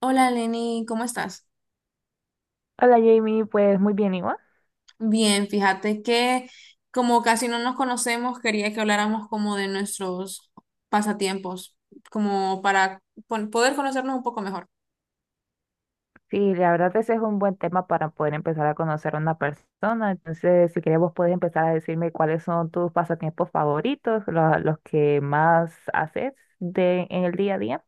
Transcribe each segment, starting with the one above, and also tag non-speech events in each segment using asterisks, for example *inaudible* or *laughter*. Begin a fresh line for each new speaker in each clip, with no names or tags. Hola Lenny, ¿cómo estás?
Hola Jamie, pues muy bien igual.
Bien, fíjate que como casi no nos conocemos, quería que habláramos como de nuestros pasatiempos, como para poder conocernos un poco mejor.
Sí, la verdad ese es un buen tema para poder empezar a conocer a una persona. Entonces, si querés vos puedes empezar a decirme cuáles son tus pasatiempos favoritos, los que más haces en el día a día.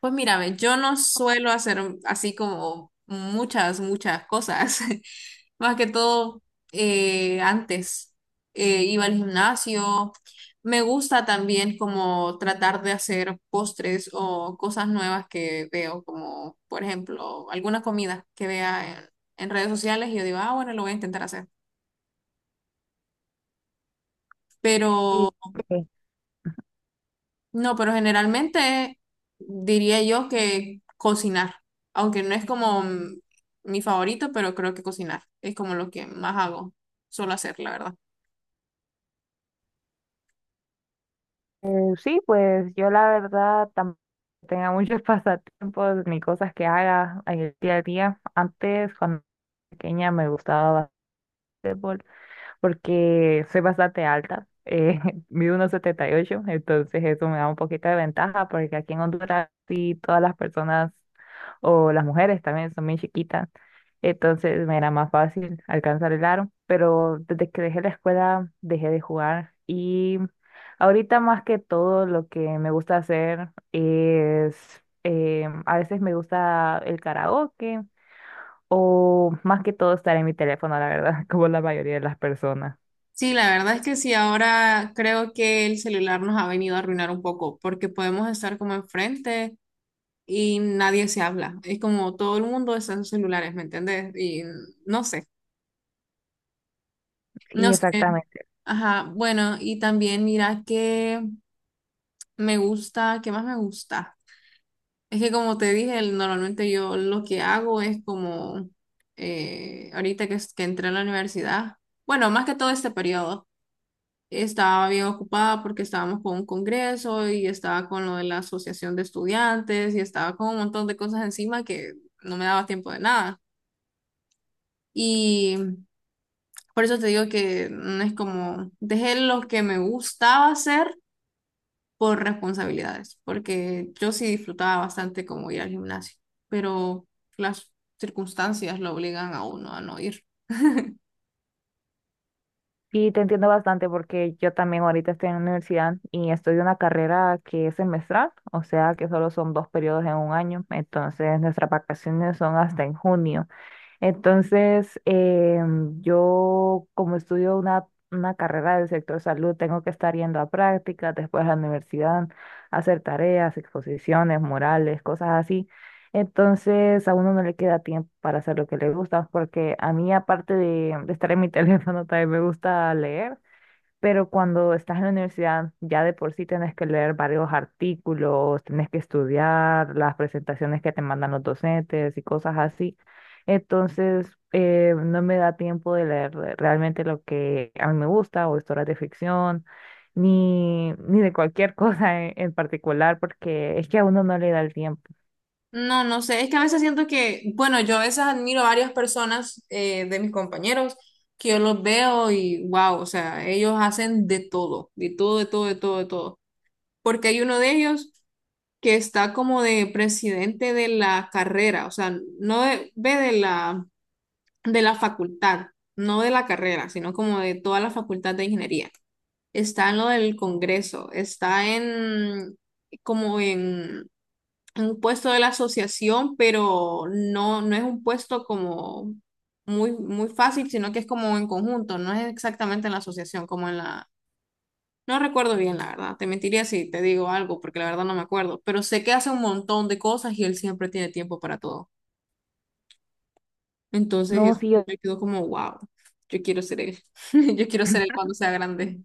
Pues mírame, yo no suelo hacer así como muchas, muchas cosas. *laughs* Más que todo, antes iba al gimnasio. Me gusta también como tratar de hacer postres o cosas nuevas que veo, como por ejemplo, alguna comida que vea en redes sociales y yo digo, ah, bueno, lo voy a intentar hacer. Pero
Y eh,
no, pero generalmente diría yo que cocinar, aunque no es como mi favorito, pero creo que cocinar es como lo que más hago, suelo hacer, la verdad.
sí, pues yo la verdad tampoco tengo muchos *laughs* pasatiempos ni cosas que haga en el día a día. Antes, cuando era pequeña, me gustaba básquetbol, porque soy bastante alta, *laughs* mido unos ocho, entonces eso me da un poquito de ventaja porque aquí en Honduras sí todas las personas o las mujeres también son muy chiquitas, entonces me era más fácil alcanzar el aro, pero desde que dejé la escuela dejé de jugar y ahorita más que todo lo que me gusta hacer es, a veces me gusta el karaoke. O más que todo estar en mi teléfono, la verdad, *laughs* como la mayoría de las personas.
Sí, la verdad es que sí, ahora creo que el celular nos ha venido a arruinar un poco, porque podemos estar como enfrente y nadie se habla. Es como todo el mundo está en sus celulares, ¿me entendés? Y no sé,
Sí,
no sé.
exactamente.
Ajá, bueno, y también mira que me gusta, ¿qué más me gusta? Es que como te dije, normalmente yo lo que hago es como ahorita que, que entré a la universidad, bueno, más que todo este periodo, estaba bien ocupada porque estábamos con un congreso y estaba con lo de la asociación de estudiantes y estaba con un montón de cosas encima que no me daba tiempo de nada. Y por eso te digo que no es como, dejé lo que me gustaba hacer por responsabilidades, porque yo sí disfrutaba bastante como ir al gimnasio, pero las circunstancias lo obligan a uno a no ir.
Y te entiendo bastante porque yo también ahorita estoy en la universidad y estudio una carrera que es semestral, o sea que solo son dos periodos en un año, entonces nuestras vacaciones son hasta en junio. Entonces, yo como estudio una carrera del sector salud, tengo que estar yendo a prácticas, después a la universidad, a hacer tareas, exposiciones, morales, cosas así. Entonces, a uno no le queda tiempo para hacer lo que le gusta, porque a mí, aparte de estar en mi *laughs* teléfono, también me gusta leer. Pero cuando estás en la universidad, ya de por sí tenés que leer varios artículos, tenés que estudiar las presentaciones que te mandan los docentes y cosas así. Entonces, no me da tiempo de leer realmente lo que a mí me gusta, o historias de ficción, ni de cualquier *laughs* cosa en particular, porque es que a uno no le da el tiempo.
No, no sé, es que a veces siento que, bueno, yo a veces admiro a varias personas de mis compañeros que yo los veo y wow, o sea, ellos hacen de todo, de todo, de todo, de todo, de todo. Porque hay uno de ellos que está como de presidente de la carrera, o sea, no de- ve de la facultad, no de la carrera, sino como de toda la facultad de ingeniería. Está en lo del Congreso, está en como en un puesto de la asociación, pero no, no es un puesto como muy, muy fácil, sino que es como en conjunto, no es exactamente en la asociación, como en la... No recuerdo bien, la verdad. Te mentiría si te digo algo, porque la verdad no me acuerdo, pero sé que hace un montón de cosas y él siempre tiene tiempo para todo. Entonces
No,
eso
sí, yo.
me quedó como, wow, yo quiero ser él. *laughs* Yo quiero ser él
*clears throat*
cuando sea grande.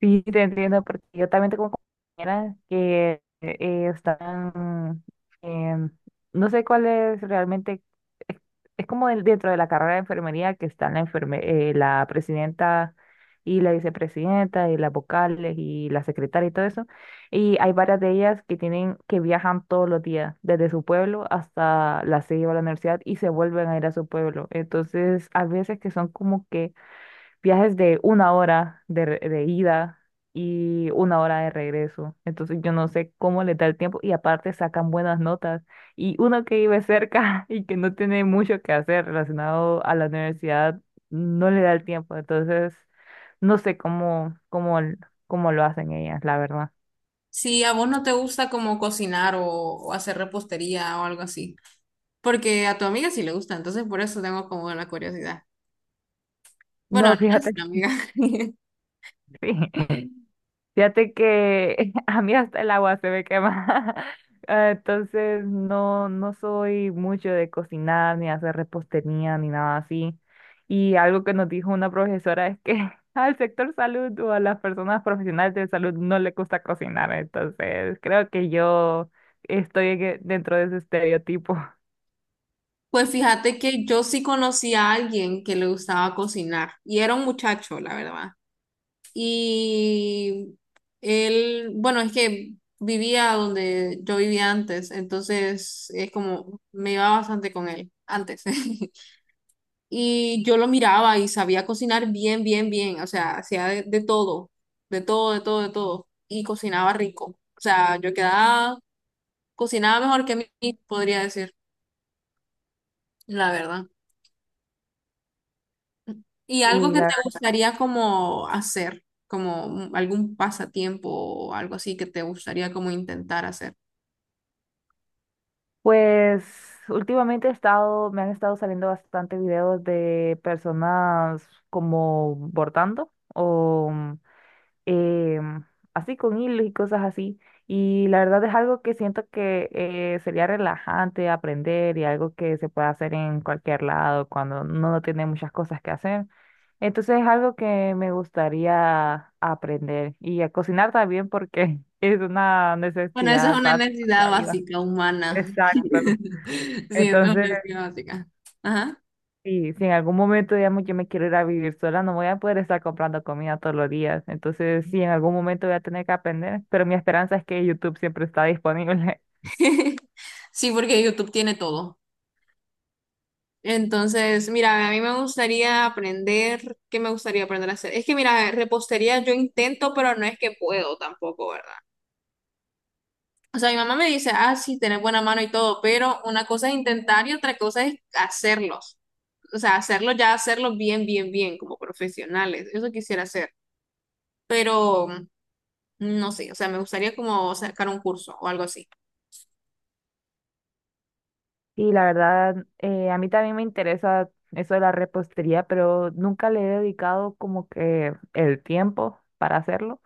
Sí, te entiendo, porque yo también tengo compañeras que están, em, no sé cuál es realmente, es, es como dentro de la carrera de enfermería que están la, la presidenta y la vicepresidenta y las vocales y la secretaria y todo eso. Y hay varias de ellas que tienen, que viajan todos los días, desde su pueblo hasta la sede o la universidad y se vuelven a ir a su pueblo. Entonces, a veces que son como que viajes de una hora de, de ida y una hora de regreso. Entonces yo no sé cómo les da el tiempo y aparte sacan buenas notas. Y uno que vive cerca *laughs* y que no tiene mucho que hacer relacionado a la universidad, no le da el tiempo. Entonces no sé cómo lo hacen ellas, la verdad.
Si a vos no te gusta como cocinar o hacer repostería o algo así, porque a tu amiga sí le gusta, entonces por eso tengo como la curiosidad. Bueno, no
No,
es
fíjate
una amiga.
que
*laughs*
*laughs* sí. Fíjate que *laughs* a mí hasta el agua se me quema. *laughs* Ah, entonces no, no soy mucho de cocinar, ni hacer repostería, ni nada así. Y algo que nos dijo una profesora es que *laughs* al sector salud o a las personas profesionales de salud no le gusta cocinar. Entonces creo que yo estoy en dentro de ese estereotipo. *laughs*
Pues fíjate que yo sí conocí a alguien que le gustaba cocinar y era un muchacho, la verdad. Y él, bueno, es que vivía donde yo vivía antes, entonces es como, me iba bastante con él antes. *laughs* Y yo lo miraba y sabía cocinar bien, bien, bien, o sea, hacía de todo, de todo, de todo, de todo, y cocinaba rico. O sea, yo quedaba, cocinaba mejor que mí, podría decir, la verdad. ¿Y algo
Y
que
la
te gustaría como hacer? Como algún pasatiempo o algo así que te gustaría como intentar hacer.
Pues últimamente he estado, me han estado saliendo bastante videos de personas como bordando o em, así con hilos y cosas así. Y la verdad es algo que siento que sería relajante aprender y algo que se puede hacer en cualquier lado cuando uno no tiene muchas cosas que hacer. Entonces es algo que me gustaría aprender y a cocinar también porque *laughs* es una
Bueno, esa es
necesidad
una
básica de
necesidad
la vida.
básica humana. *laughs* Sí,
Exacto.
esa es una
Entonces,
necesidad básica. Ajá.
si, si en algún momento, digamos, yo me quiero ir a vivir sola, no voy a poder estar comprando comida todos los días. Entonces, sí, en algún momento voy a tener que aprender, pero mi esperanza es que YouTube siempre está disponible. *laughs*
*laughs* Sí, porque YouTube tiene todo. Entonces, mira, a mí me gustaría aprender, ¿qué me gustaría aprender a hacer? Es que, mira, repostería yo intento, pero no es que puedo tampoco, ¿verdad? O sea, mi mamá me dice, ah, sí, tenés buena mano y todo, pero una cosa es intentar y otra cosa es hacerlos. O sea, hacerlo ya, hacerlo bien, bien, bien, como profesionales. Eso quisiera hacer. Pero... No sé, o sea, me gustaría como sacar un curso o algo así.
Y la verdad, a mí también me interesa eso de la repostería, pero nunca le he dedicado como que el tiempo para hacerlo.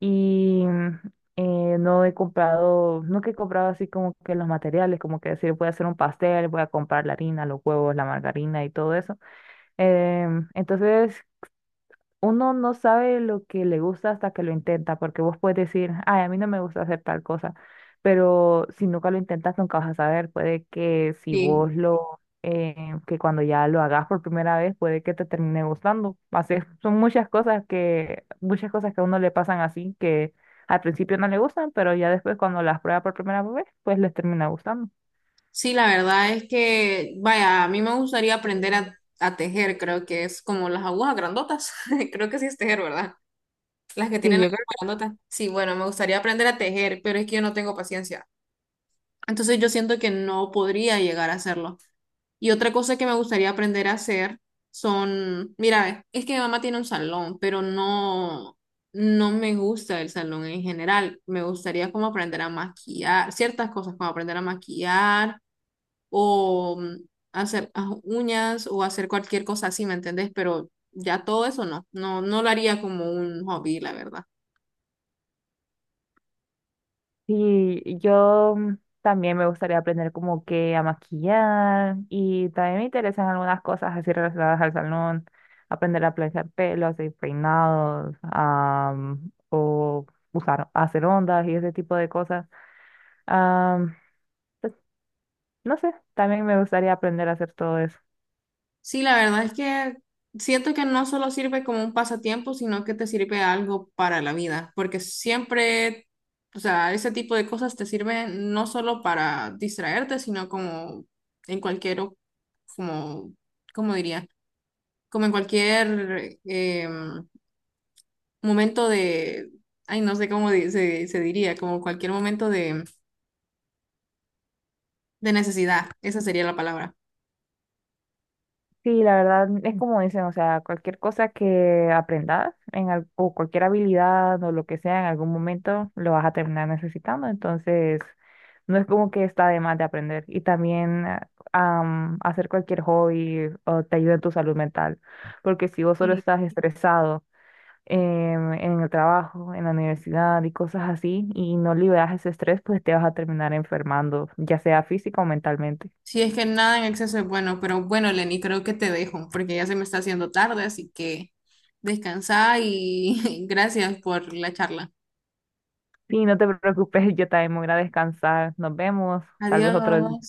Y no he comprado, nunca he comprado así como que los materiales, como que decir, voy a hacer un pastel, voy a comprar la harina, los huevos, la margarina y todo eso. Entonces, uno no sabe lo que le gusta hasta que lo intenta, porque vos puedes decir, ay, a mí no me gusta hacer tal cosa, pero si nunca lo intentas, nunca vas a saber. Puede que si
Sí,
vos lo, que cuando ya lo hagas por primera vez, puede que te termine gustando. Así es, son muchas cosas que a uno le pasan así, que al principio no le gustan, pero ya después cuando las prueba por primera vez, pues les termina gustando.
sí, la verdad es que, vaya, a mí me gustaría aprender a tejer, creo que es como las agujas grandotas, *laughs* creo que sí es tejer, ¿verdad? Las que
Sí,
tienen las
yo creo.
agujas grandotas. Sí, bueno, me gustaría aprender a tejer, pero es que yo no tengo paciencia. Entonces yo siento que no podría llegar a hacerlo. Y otra cosa que me gustaría aprender a hacer son, mira, es que mi mamá tiene un salón, pero no, no me gusta el salón en general. Me gustaría como aprender a maquillar, ciertas cosas como aprender a maquillar o hacer ah, uñas o hacer cualquier cosa así, ¿me entendés? Pero ya todo eso no, no, no lo haría como un hobby, la verdad.
Sí, yo también me gustaría aprender como que a maquillar y también me interesan algunas cosas así relacionadas al salón, aprender a planchar pelos y peinados, o usar, hacer ondas y ese tipo de cosas. Am, pues, no sé, también me gustaría aprender a hacer todo eso.
Sí, la verdad es que siento que no solo sirve como un pasatiempo, sino que te sirve algo para la vida, porque siempre, o sea, ese tipo de cosas te sirven no solo para distraerte, sino como en cualquier, como, ¿cómo diría? Como en cualquier momento de, ay, no sé cómo se, se diría, como cualquier momento de necesidad, esa sería la palabra.
Sí, la verdad es como dicen, o sea, cualquier cosa que aprendas en o cualquier habilidad o lo que sea, en algún momento lo vas a terminar necesitando. Entonces, no es como que está de más de aprender. Y también hacer cualquier hobby o te ayuda en tu salud mental. Porque si vos solo estás estresado en el trabajo, en la universidad y cosas así, y no liberas ese estrés, pues te vas a terminar enfermando, ya sea física o mentalmente.
Sí, es que nada en exceso es bueno, pero bueno, Lenny, creo que te dejo porque ya se me está haciendo tarde, así que descansa y *laughs* gracias por la charla.
Sí, no te preocupes, *laughs* yo también me voy a ir a descansar. Nos vemos, tal vez otro
Adiós.
día.